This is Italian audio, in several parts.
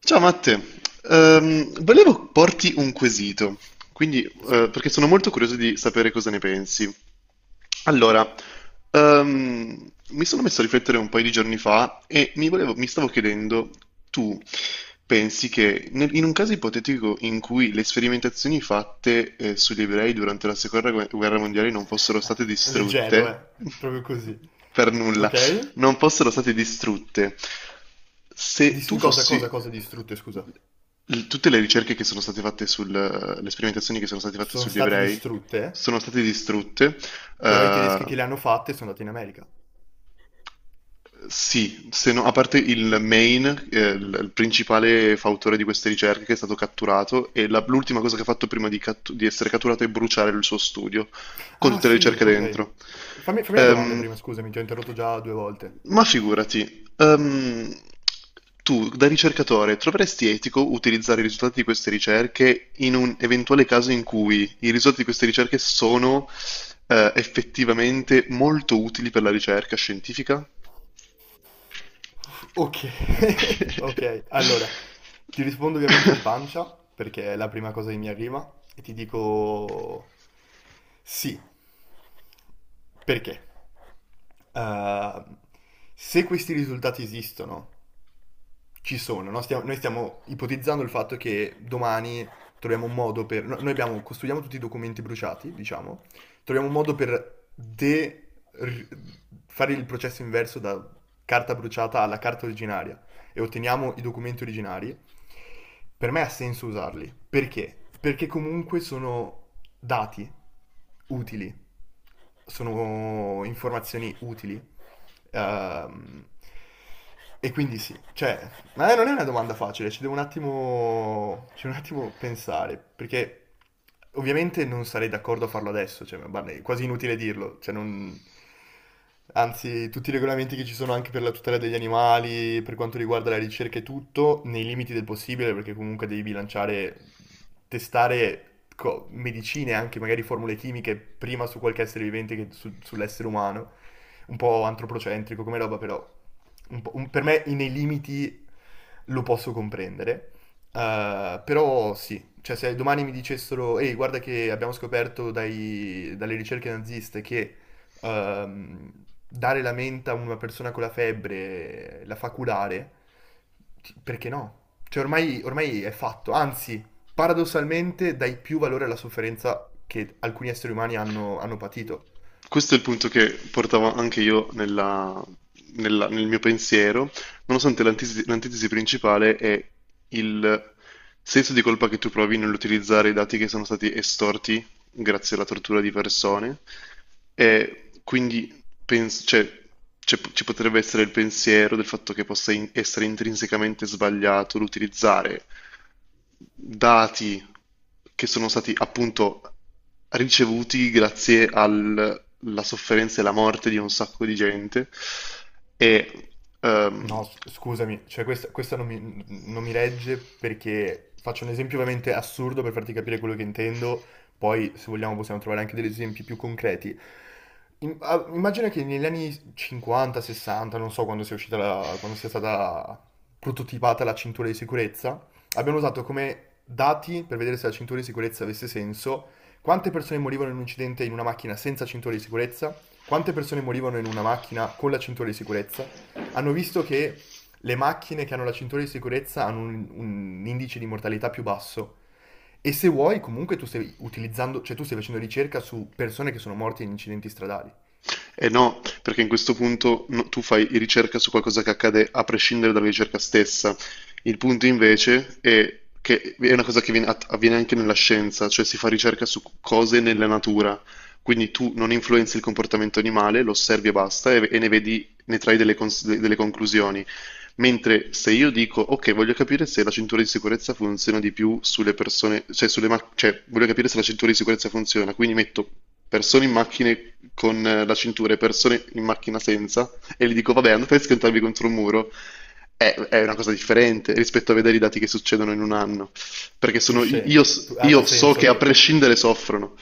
Ciao Matte, volevo porti un quesito, quindi, perché sono molto curioso di sapere cosa ne pensi. Allora, mi sono messo a riflettere un paio di giorni fa e mi stavo chiedendo, tu pensi che in un caso ipotetico in cui le sperimentazioni fatte, sugli ebrei durante la seconda guerra mondiale non fossero state Leggero, eh. distrutte Proprio così. per nulla, Ok? non fossero state distrutte. Se tu In cosa, cosa, fossi... cosa distrutte, scusa? Tutte le ricerche che sono state fatte sul... le sperimentazioni che sono state fatte Sono sugli state ebrei distrutte, sono state distrutte però i tedeschi che eh, le hanno fatte sono andati in America. sì, se no- a parte il main, il principale fautore di queste ricerche che è stato catturato, e l'ultima cosa che ha fatto prima di, di essere catturato è bruciare il suo studio, con Ah, tutte le sì, ricerche ok. dentro. Fammi la domanda Ehm, prima, scusami, ti ho interrotto già due volte. ma figurati, tu da ricercatore troveresti etico utilizzare i risultati di queste ricerche in un eventuale caso in cui i risultati di queste ricerche sono, effettivamente molto utili per la ricerca scientifica? Ok, ok, allora, ti rispondo ovviamente di pancia, perché è la prima cosa che mi arriva, e ti dico sì, perché? Eh, se questi risultati esistono ci sono, no? Noi stiamo ipotizzando il fatto che domani troviamo un modo per... noi abbiamo, costruiamo tutti i documenti bruciati, diciamo, troviamo un modo per fare il processo inverso da carta bruciata alla carta originaria e otteniamo i documenti originari. Per me ha senso usarli. Perché? Perché comunque sono dati utili, sono informazioni utili. Ehm, e quindi sì, cioè, ma non è una domanda facile, ci devo un attimo, ci devo un attimo pensare, perché ovviamente non sarei d'accordo a farlo adesso, cioè, ma guarda, è quasi inutile dirlo, cioè non... Anzi, tutti i regolamenti che ci sono anche per la tutela degli animali, per quanto riguarda la ricerca e tutto, nei limiti del possibile, perché comunque devi bilanciare testare medicine, anche magari formule chimiche, prima su qualche essere vivente che sull'essere umano. Un po' antropocentrico come roba, però per me nei limiti lo posso comprendere. Però sì, cioè se domani mi dicessero, ehi, guarda che abbiamo scoperto dalle ricerche naziste che ehm, dare la menta a una persona con la febbre la fa curare, perché no? Cioè ormai, ormai è fatto, anzi, paradossalmente dai più valore alla sofferenza che alcuni esseri umani hanno, hanno patito. Questo è il punto che portavo anche io nel mio pensiero, nonostante l'antitesi principale è il senso di colpa che tu provi nell'utilizzare i dati che sono stati estorti grazie alla tortura di persone, e quindi cioè, ci potrebbe essere il pensiero del fatto che possa essere intrinsecamente sbagliato l'utilizzare dati che sono stati appunto ricevuti grazie alla sofferenza e alla morte di un sacco di gente e ehm, No, scusami, cioè questa non mi, non mi regge perché faccio un esempio ovviamente assurdo per farti capire quello che intendo, poi se vogliamo possiamo trovare anche degli esempi più concreti. Immagina che negli anni 50, 60, non so quando sia uscita quando sia stata prototipata la cintura di sicurezza, abbiamo usato come dati per vedere se la cintura di sicurezza avesse senso, quante persone morivano in un incidente in una macchina senza cintura di sicurezza, quante persone morivano in una macchina con la cintura di sicurezza. Hanno visto che le macchine che hanno la cintura di sicurezza hanno un indice di mortalità più basso. E se vuoi, comunque tu stai utilizzando, cioè tu stai facendo ricerca su persone che sono morte in incidenti stradali. e no, perché in questo punto no, tu fai ricerca su qualcosa che accade a prescindere dalla ricerca stessa. Il punto invece è che è una cosa che avviene anche nella scienza, cioè si fa ricerca su cose nella natura. Quindi tu non influenzi il comportamento animale, lo osservi e basta, e ne vedi, ne trai delle conclusioni. Mentre se io dico, ok, voglio capire se la cintura di sicurezza funziona di più sulle persone, cioè sulle macchine, cioè voglio capire se la cintura di sicurezza funziona, quindi metto persone in macchine con la cintura e persone in macchina senza, e gli dico, vabbè, andate a schiantarvi contro un muro, è una cosa differente rispetto a vedere i dati che succedono in un anno, perché sono, Ha, ha io so senso che a che... prescindere soffrono.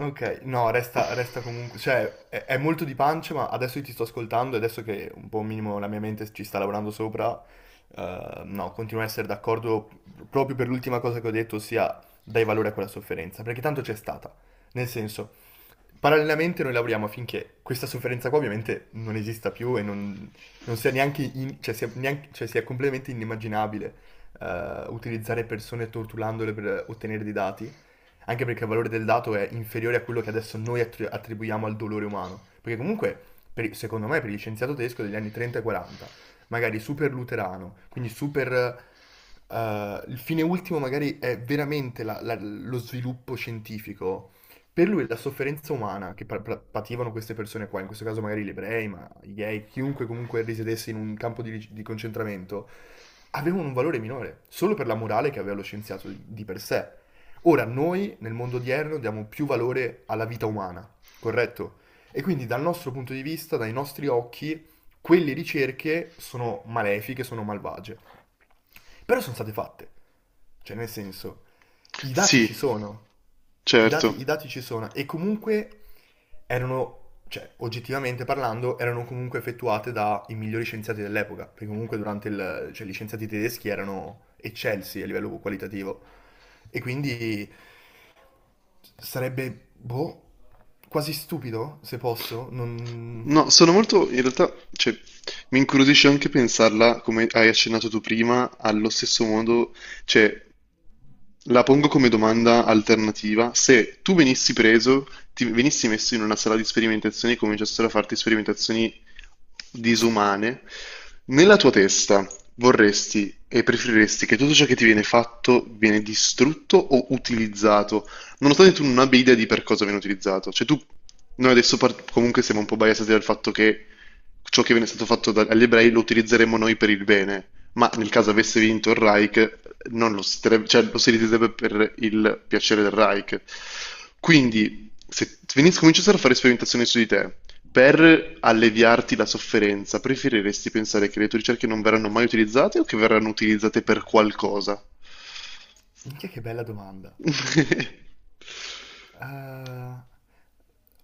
Ok, no, resta, resta comunque, cioè è molto di pancia, ma adesso io ti sto ascoltando e adesso che un po' un minimo la mia mente ci sta lavorando sopra, no, continuo a essere d'accordo proprio per l'ultima cosa che ho detto, ossia dai valore a quella sofferenza, perché tanto c'è stata. Nel senso, parallelamente noi lavoriamo affinché questa sofferenza qua ovviamente non esista più e non, non sia neanche, cioè sia, cioè sia completamente inimmaginabile utilizzare persone torturandole per ottenere dei dati, anche perché il valore del dato è inferiore a quello che adesso noi attribuiamo al dolore umano, perché comunque, secondo me, per gli scienziato tedesco degli anni 30 e 40, magari super luterano, quindi super... il fine ultimo magari è veramente lo sviluppo scientifico, per lui la sofferenza umana che pativano queste persone qua, in questo caso magari gli ebrei, ma i gay, chiunque comunque risiedesse in un campo di concentramento, avevano un valore minore, solo per la morale che aveva lo scienziato di per sé. Ora noi nel mondo odierno diamo più valore alla vita umana, corretto? E quindi dal nostro punto di vista, dai nostri occhi, quelle ricerche sono malefiche, sono malvagie. Però sono state fatte. Cioè, nel senso, i dati Sì, ci sono. Certo. I dati ci sono. E comunque erano, cioè, oggettivamente parlando, erano comunque effettuate dai migliori scienziati dell'epoca. Perché comunque durante il... Cioè, gli scienziati tedeschi erano eccelsi a livello qualitativo. E quindi sarebbe, boh, quasi stupido, se posso, non... No, sono molto, in realtà, cioè, mi incuriosisce anche pensarla, come hai accennato tu prima, allo stesso modo, cioè, la pongo come domanda alternativa: se tu venissi preso, ti venissi messo in una sala di sperimentazioni e cominciassero a farti sperimentazioni disumane, nella tua testa vorresti e preferiresti che tutto ciò che ti viene fatto viene distrutto o utilizzato, nonostante tu non abbia idea di per cosa viene utilizzato. Cioè tu, noi adesso comunque siamo un po' biasati dal fatto che ciò che viene stato fatto agli ebrei lo utilizzeremo noi per il bene, ma nel caso avesse vinto il Reich, non lo cioè, lo si riderebbe per il piacere del Reich. Quindi, se cominciassero a fare sperimentazioni su di te, per alleviarti la sofferenza, preferiresti pensare che le tue ricerche non verranno mai utilizzate o che verranno utilizzate per qualcosa? Minchia che bella domanda. Eh,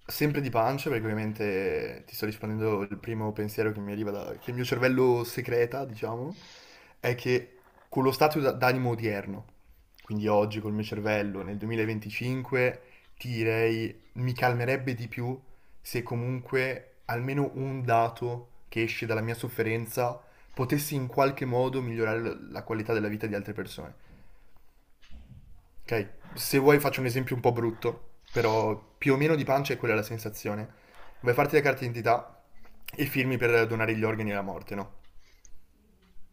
sempre di pancia, perché ovviamente ti sto rispondendo il primo pensiero che mi arriva da, che il mio cervello secreta, diciamo, è che con lo stato d'animo odierno, quindi oggi col mio cervello nel 2025, ti direi mi calmerebbe di più se comunque almeno un dato che esce dalla mia sofferenza potessi in qualche modo migliorare la qualità della vita di altre persone. Ok, se vuoi faccio un esempio un po' brutto, però più o meno di pancia è quella la sensazione. Vuoi farti la carta d'identità e firmi per donare gli organi alla morte, no?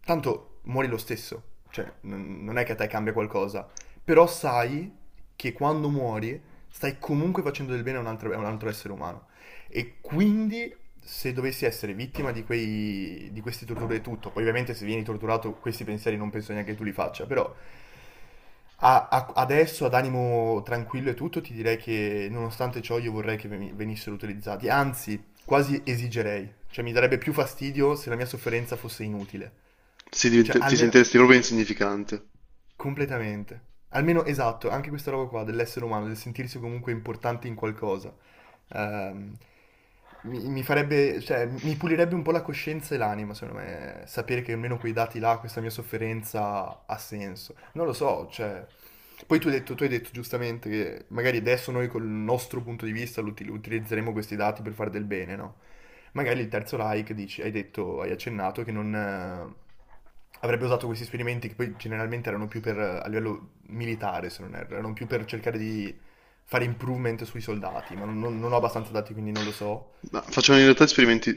Tanto muori lo stesso, cioè non è che a te cambia qualcosa, però sai che quando muori stai comunque facendo del bene a un altro essere umano. E quindi se dovessi essere vittima di, quei, di queste torture e tutto, poi ovviamente se vieni torturato questi pensieri non penso neanche tu li faccia, però adesso ad animo tranquillo e tutto ti direi che nonostante ciò io vorrei che venissero utilizzati, anzi quasi esigerei. Cioè, mi darebbe più fastidio se la mia sofferenza fosse inutile. Cioè, Ti almeno sentiresti proprio insignificante. completamente. Almeno esatto, anche questa roba qua dell'essere umano, del sentirsi comunque importante in qualcosa. Ehm, Mi, mi farebbe, cioè, mi pulirebbe un po' la coscienza e l'anima, secondo me, sapere che almeno quei dati là, questa mia sofferenza ha senso. Non lo so, cioè, poi tu hai detto giustamente che magari adesso noi col nostro punto di vista utilizzeremo questi dati per fare del bene, no? Magari il terzo like, dici, hai detto, hai accennato che non avrebbe usato questi esperimenti che poi generalmente erano più per, a livello militare, se non erro, erano più per cercare di fare improvement sui soldati, ma non, non ho abbastanza dati quindi non lo so. Ma facevano in realtà esperimenti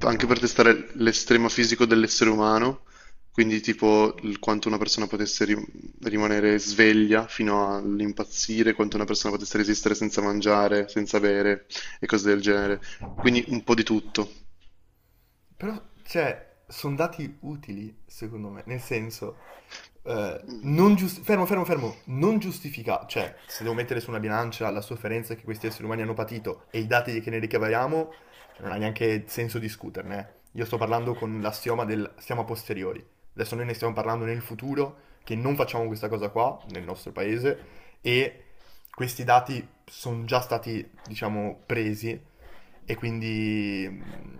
anche per testare l'estremo fisico dell'essere umano, quindi tipo quanto una persona potesse rimanere sveglia fino all'impazzire, quanto una persona potesse resistere senza mangiare, senza bere e cose del genere. Quindi un po' di tutto. Però, cioè, sono dati utili, secondo me, nel senso, non Mm. Fermo, fermo, fermo, non giustifica, cioè, se devo mettere su una bilancia la sofferenza che questi esseri umani hanno patito e i dati che ne ricaviamo, cioè, non ha neanche senso discuterne. Eh. Io sto parlando con l'assioma del siamo a posteriori. Adesso noi ne stiamo parlando nel futuro, che non facciamo questa cosa qua, nel nostro paese, e questi dati sono già stati, diciamo, presi e quindi... mm,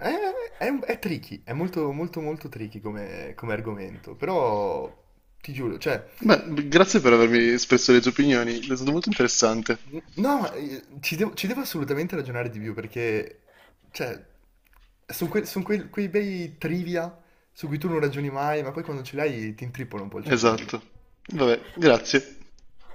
eh, è, è tricky, è molto molto molto tricky come, come argomento, però ti giuro, cioè, Beh, grazie per avermi espresso le tue opinioni, è stato molto interessante. no, ci devo assolutamente ragionare di più perché, cioè, sono quei bei trivia su cui tu non ragioni mai, ma poi quando ce l'hai ti intrippola un po' il cervello. Esatto. Vabbè, grazie.